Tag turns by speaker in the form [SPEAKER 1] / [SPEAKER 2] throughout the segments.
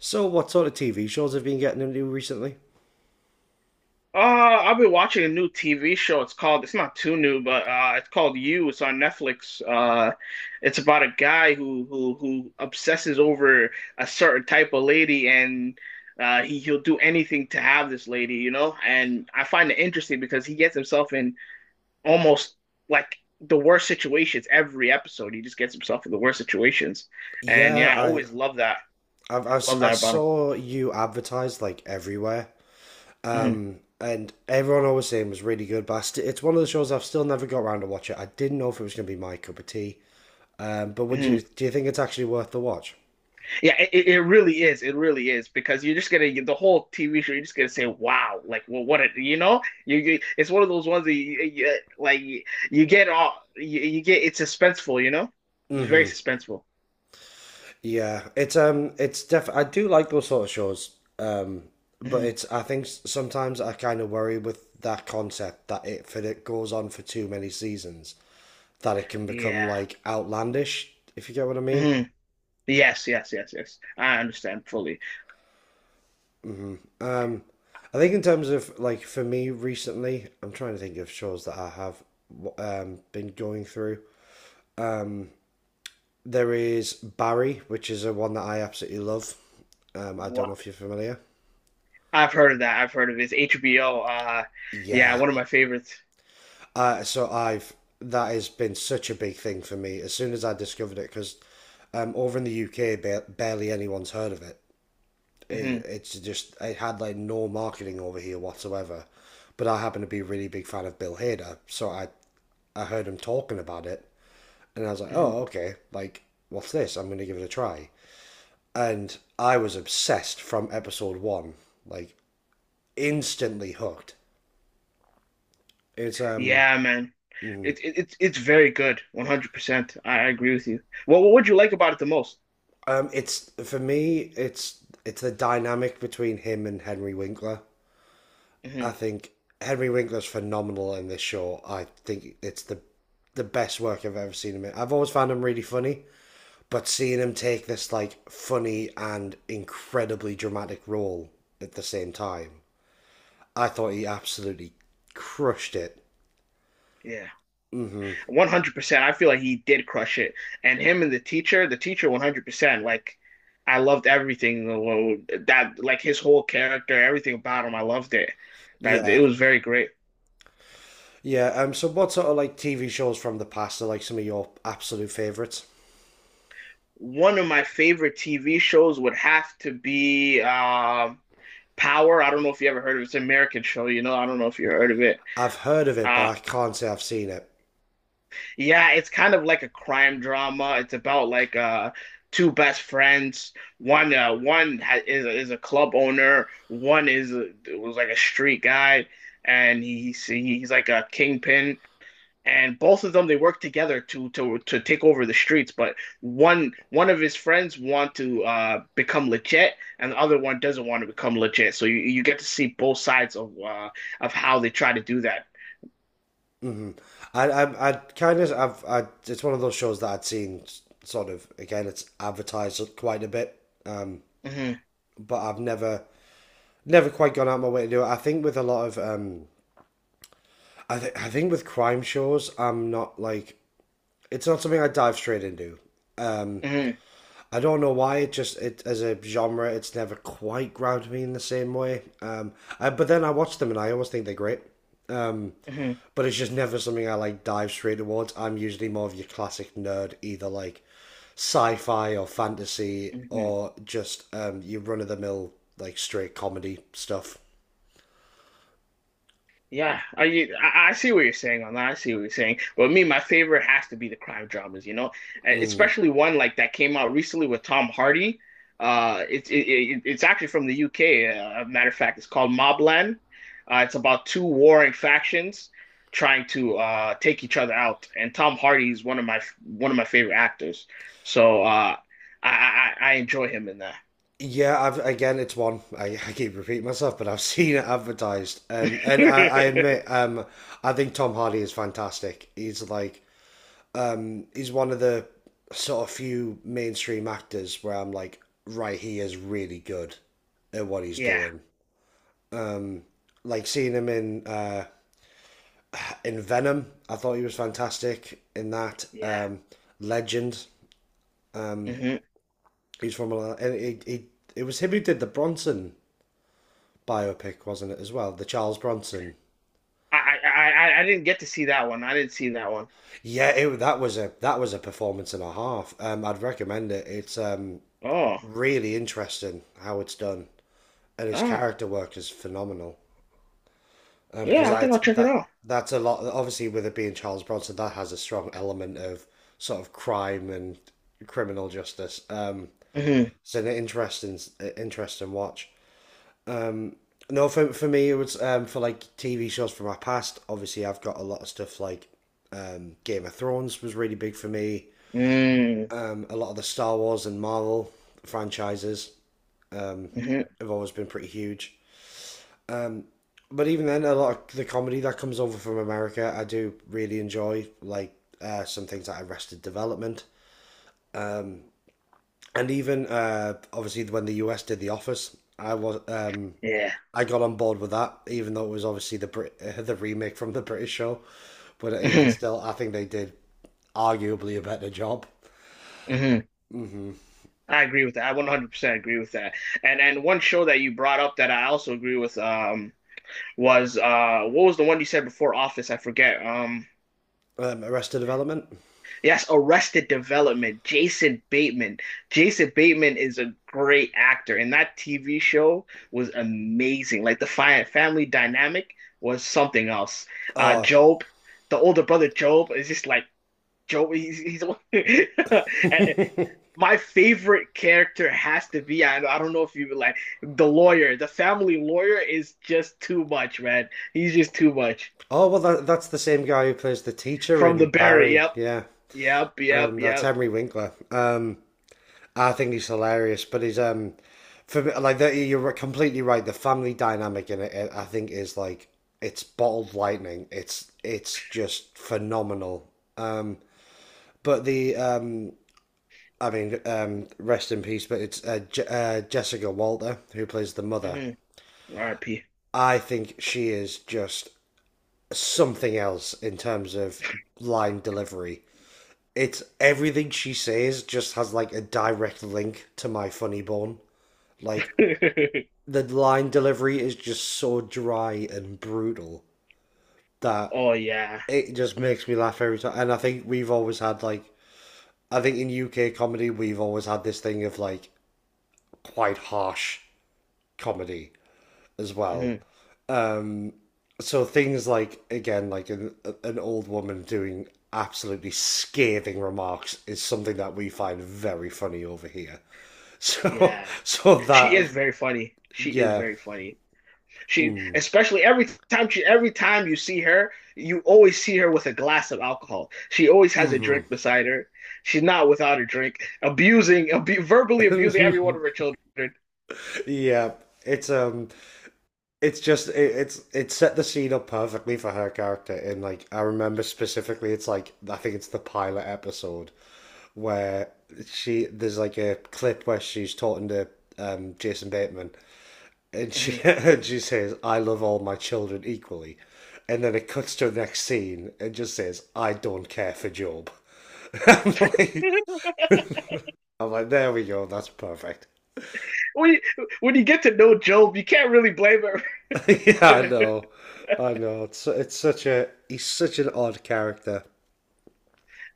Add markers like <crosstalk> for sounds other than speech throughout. [SPEAKER 1] So, what sort of TV shows have you been getting into recently?
[SPEAKER 2] I've been watching a new TV show. It's not too new, but it's called You. It's on Netflix. It's about a guy who obsesses over a certain type of lady, and he'll do anything to have this lady. And I find it interesting because he gets himself in almost like the worst situations every episode. He just gets himself in the worst situations, and
[SPEAKER 1] Yeah,
[SPEAKER 2] yeah, I
[SPEAKER 1] I
[SPEAKER 2] always love that.
[SPEAKER 1] I've, si
[SPEAKER 2] Love that about
[SPEAKER 1] saw you advertised like everywhere,
[SPEAKER 2] him.
[SPEAKER 1] and everyone always saying it was really good. But it's one of the shows I've still never got around to watch it. I didn't know if it was going to be my cup of tea. But would you
[SPEAKER 2] Hmm.
[SPEAKER 1] do you think it's actually worth the watch?
[SPEAKER 2] Yeah, it really is. It really is because you're just gonna the whole TV show. You're just gonna say, "Wow!" Like, well, what a you know, you it's one of those ones that you like you get all you get. It's suspenseful. It's very
[SPEAKER 1] Mm-hmm.
[SPEAKER 2] suspenseful.
[SPEAKER 1] Yeah, it's def. I do like those sort of shows. Um, but
[SPEAKER 2] Hmm.
[SPEAKER 1] it's I think sometimes I kind of worry with that concept that it goes on for too many seasons, that it can become
[SPEAKER 2] Yeah.
[SPEAKER 1] like outlandish, if you get what I mean.
[SPEAKER 2] Hmm. Yes, yes, yes, yes. I understand fully.
[SPEAKER 1] hmm Um, I think in terms of like for me recently, I'm trying to think of shows that I have been going through. There is Barry, which is a one that I absolutely love. I don't
[SPEAKER 2] Wow.
[SPEAKER 1] know if you're familiar.
[SPEAKER 2] I've heard of that. I've heard of it. It's HBO. Yeah,
[SPEAKER 1] Yeah.
[SPEAKER 2] one of my favorites.
[SPEAKER 1] So I've that has been such a big thing for me as soon as I discovered it because over in the UK, barely anyone's heard of it. it,
[SPEAKER 2] Hmm.
[SPEAKER 1] it's just it had like no marketing over here whatsoever. But I happen to be a really big fan of Bill Hader, so I heard him talking about it, and I was like,
[SPEAKER 2] Hmm.
[SPEAKER 1] oh okay, like what's this? I'm gonna give it a try. And I was obsessed from episode one, like instantly hooked. It's um
[SPEAKER 2] Yeah, man. It's very good. 100%. I agree with you. Well, what would you like about it the most?
[SPEAKER 1] it's for me it's the dynamic between him and Henry Winkler. I
[SPEAKER 2] Hmm.
[SPEAKER 1] think Henry Winkler's phenomenal in this show. I think it's the best work I've ever seen him in. I've always found him really funny, but seeing him take this like funny and incredibly dramatic role at the same time, I thought he absolutely crushed it.
[SPEAKER 2] Yeah, 100%. I feel like he did crush it, and him and the teacher, 100%. Like, I loved everything that, like his whole character, everything about him. I loved it. That it
[SPEAKER 1] Yeah,
[SPEAKER 2] was very great.
[SPEAKER 1] yeah. So, what sort of like TV shows from the past are like some of your absolute favorites?
[SPEAKER 2] One of my favorite TV shows would have to be Power. I don't know if you ever heard of it. It's an American show. I don't know if you heard of it.
[SPEAKER 1] I've heard of it, but
[SPEAKER 2] Uh,
[SPEAKER 1] I can't say I've seen it.
[SPEAKER 2] Yeah, it's kind of like a crime drama. It's about like two best friends. One one ha is a club owner. One was like a street guy, and he's like a kingpin. And both of them they work together to take over the streets. But one of his friends want to become legit, and the other one doesn't want to become legit. So you get to see both sides of how they try to do that.
[SPEAKER 1] I kind of, I've, I, it's one of those shows that I'd seen sort of, again, it's advertised quite a bit, um,
[SPEAKER 2] Hmm.
[SPEAKER 1] but I've never, never quite gone out my way to do it. I think with a lot of, I think with crime shows, I'm not like, it's not something I dive straight into.
[SPEAKER 2] Hmm.
[SPEAKER 1] I don't know why it as a genre it's never quite grabbed me in the same way. But then I watch them and I always think they're great. Um,
[SPEAKER 2] Hmm.
[SPEAKER 1] but it's just never something I like dive straight towards. I'm usually more of your classic nerd, either like sci-fi or fantasy
[SPEAKER 2] Hmm.
[SPEAKER 1] or just your run-of-the-mill like straight comedy stuff.
[SPEAKER 2] Yeah, I see what you're saying on that. I see what you're saying. Well, me, my favorite has to be the crime dramas, especially one like that came out recently with Tom Hardy. It's actually from the UK. A matter of fact, it's called Mobland. It's about two warring factions trying to take each other out, and Tom Hardy is one of my favorite actors. So I enjoy him in that.
[SPEAKER 1] It's one <laughs> I keep repeating myself, but I've <laughs> seen it advertised, I admit,
[SPEAKER 2] <laughs>
[SPEAKER 1] I think Tom Hardy is fantastic. He's one of the sort of few mainstream actors where I'm like, right, he is really good at what he's
[SPEAKER 2] Yeah,
[SPEAKER 1] doing. Um, like seeing him in Venom, I thought he was fantastic in that.
[SPEAKER 2] yeah.
[SPEAKER 1] Legend, um,
[SPEAKER 2] Mhm.
[SPEAKER 1] he's from a. He, it was him who did the Bronson biopic, wasn't it as well? The Charles Bronson.
[SPEAKER 2] I, I I didn't get to see that one. I didn't see that one.
[SPEAKER 1] Yeah, it, that was a performance and a half. I'd recommend it. It's
[SPEAKER 2] Oh,
[SPEAKER 1] really interesting how it's done, and his
[SPEAKER 2] oh,
[SPEAKER 1] character work is phenomenal. Because
[SPEAKER 2] yeah. I
[SPEAKER 1] I
[SPEAKER 2] think I'll check it
[SPEAKER 1] that
[SPEAKER 2] out.
[SPEAKER 1] that's a lot. Obviously, with it being Charles Bronson, that has a strong element of sort of crime and criminal justice.
[SPEAKER 2] Mm-hmm.
[SPEAKER 1] It's an interesting watch. No, for me, it was for like TV shows from my past. Obviously, I've got a lot of stuff like Game of Thrones was really big for me.
[SPEAKER 2] Mm-hmm.
[SPEAKER 1] A lot of the Star Wars and Marvel franchises
[SPEAKER 2] Hmm.
[SPEAKER 1] have always been pretty huge. But even then, a lot of the comedy that comes over from America, I do really enjoy, like some things like Arrested Development, and even obviously when the US did The Office, I was
[SPEAKER 2] Yeah.
[SPEAKER 1] I got on board with that, even though it was obviously the <laughs> the remake from the British show, but even
[SPEAKER 2] Hmm.
[SPEAKER 1] still, I think they did arguably a better job.
[SPEAKER 2] Hmm. I agree with that. I 100% agree with that. And one show that you brought up that I also agree with was what was the one you said before Office? I forget.
[SPEAKER 1] Arrested Development.
[SPEAKER 2] Yes, Arrested Development, Jason Bateman. Jason Bateman is a great actor, and that TV show was amazing. Like the fi family dynamic was something else.
[SPEAKER 1] Oh,
[SPEAKER 2] Job, the older brother Job, is just like Job. He's. <laughs> And
[SPEAKER 1] <laughs>
[SPEAKER 2] my favorite character has to be. I don't know if you would like the lawyer. The family lawyer is just too much, man. He's just too much.
[SPEAKER 1] oh well, that's the same guy who plays the teacher
[SPEAKER 2] From
[SPEAKER 1] in
[SPEAKER 2] the Barry.
[SPEAKER 1] Barry.
[SPEAKER 2] Yep,
[SPEAKER 1] Yeah,
[SPEAKER 2] yep, yep,
[SPEAKER 1] that's
[SPEAKER 2] yep.
[SPEAKER 1] Henry Winkler. I think he's hilarious, but he's for me, like the, you're right, completely right. The family dynamic in it, I think, is like it's bottled lightning. It's just phenomenal. Um, but the I mean, rest in peace. But it's Jessica Walter who plays the mother.
[SPEAKER 2] Hmm. R.I.P.
[SPEAKER 1] I think she is just something else in terms of line delivery. It's everything she says just has like a direct link to my funny bone. Like
[SPEAKER 2] <laughs>
[SPEAKER 1] the line delivery is just so dry and brutal that
[SPEAKER 2] Oh yeah.
[SPEAKER 1] it just makes me laugh every time. And I think we've always had like I think in UK comedy we've always had this thing of like quite harsh comedy as well.
[SPEAKER 2] Hmm.
[SPEAKER 1] So things like again like an old woman doing absolutely scathing remarks is something that we find very funny over here. <laughs> So
[SPEAKER 2] Yeah.
[SPEAKER 1] so
[SPEAKER 2] She
[SPEAKER 1] that
[SPEAKER 2] is very funny. She is
[SPEAKER 1] yeah.
[SPEAKER 2] very funny. She
[SPEAKER 1] Mm.
[SPEAKER 2] especially every time you see her, you always see her with a glass of alcohol. She always has a
[SPEAKER 1] hmm
[SPEAKER 2] drink beside her. She's not without a drink, abusing, abu verbally abusing every one of her
[SPEAKER 1] <laughs>
[SPEAKER 2] children.
[SPEAKER 1] yeah, it's um it's just it set the scene up perfectly for her character, and like I remember specifically it's like I think it's the pilot episode where she there's like a clip where she's talking to Jason Bateman, and she <laughs>
[SPEAKER 2] Mhm.
[SPEAKER 1] and she says, "I love all my children equally," and then it cuts to the next scene and just says, "I don't care for Job." <laughs> I'm, like, I'm like, there we go, that's perfect.
[SPEAKER 2] When you, when you get to know Job, you can't really blame
[SPEAKER 1] <laughs> Yeah, I
[SPEAKER 2] her. <laughs>
[SPEAKER 1] know. I know, it's such a he's such an odd character.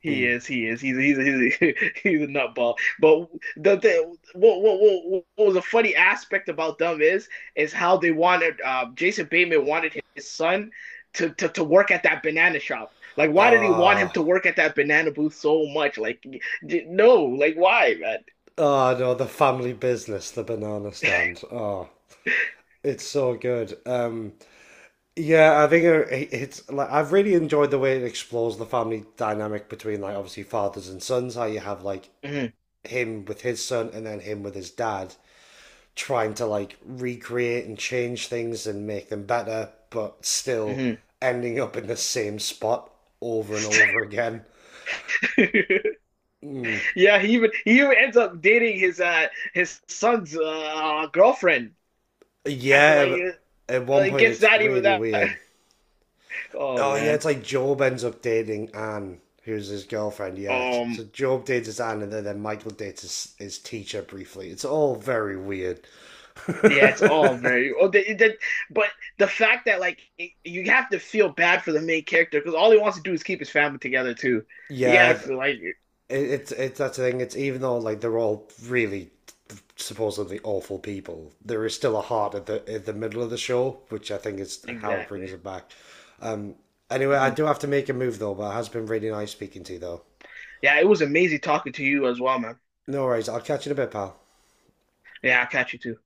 [SPEAKER 2] He
[SPEAKER 1] Mm.
[SPEAKER 2] is. He is. He's a <laughs> he's a nutball. But the what was a funny aspect about them is how they wanted Jason Bateman wanted his son to work at that banana shop. Like, why did he want him
[SPEAKER 1] Oh,
[SPEAKER 2] to work at that banana booth so much? Like, no. Like, why,
[SPEAKER 1] oh no, the family business, the banana stand. Oh, it's so good. Yeah, I think it's like I've really enjoyed the way it explores the family dynamic between like obviously fathers and sons. How you have like
[SPEAKER 2] man?
[SPEAKER 1] him with his son and then him with his dad trying to like recreate and change things and make them better, but
[SPEAKER 2] Mm-hmm,
[SPEAKER 1] still
[SPEAKER 2] mm-hmm.
[SPEAKER 1] ending up in the same spot over and over again.
[SPEAKER 2] <laughs>
[SPEAKER 1] Mm.
[SPEAKER 2] Yeah, he even ends up dating his son's girlfriend after like
[SPEAKER 1] Yeah, at one point
[SPEAKER 2] gets
[SPEAKER 1] it's
[SPEAKER 2] that even
[SPEAKER 1] really
[SPEAKER 2] that.
[SPEAKER 1] weird.
[SPEAKER 2] <laughs> Oh
[SPEAKER 1] Oh yeah,
[SPEAKER 2] man.
[SPEAKER 1] it's like Job ends up dating Anne, who's his girlfriend. Yeah, so
[SPEAKER 2] Um,
[SPEAKER 1] Job dates his Anne, and then Michael dates his teacher briefly. It's all very weird. <laughs>
[SPEAKER 2] yeah, it's all very. Oh, but the fact that like you have to feel bad for the main character because all he wants to do is keep his family together too. You
[SPEAKER 1] yeah,
[SPEAKER 2] gotta
[SPEAKER 1] th-
[SPEAKER 2] feel like
[SPEAKER 1] it, it's that's the thing. It's even though like they're all really supposedly awful people, there is still a heart at the middle of the show, which I think is how it brings
[SPEAKER 2] exactly.
[SPEAKER 1] it back. Um. Anyway, I
[SPEAKER 2] Mhm.
[SPEAKER 1] do have to make a move though, but it has been really nice speaking to you though.
[SPEAKER 2] Yeah, it was amazing talking to you as well, man.
[SPEAKER 1] No worries. I'll catch you in a bit, pal.
[SPEAKER 2] Yeah, I'll catch you too.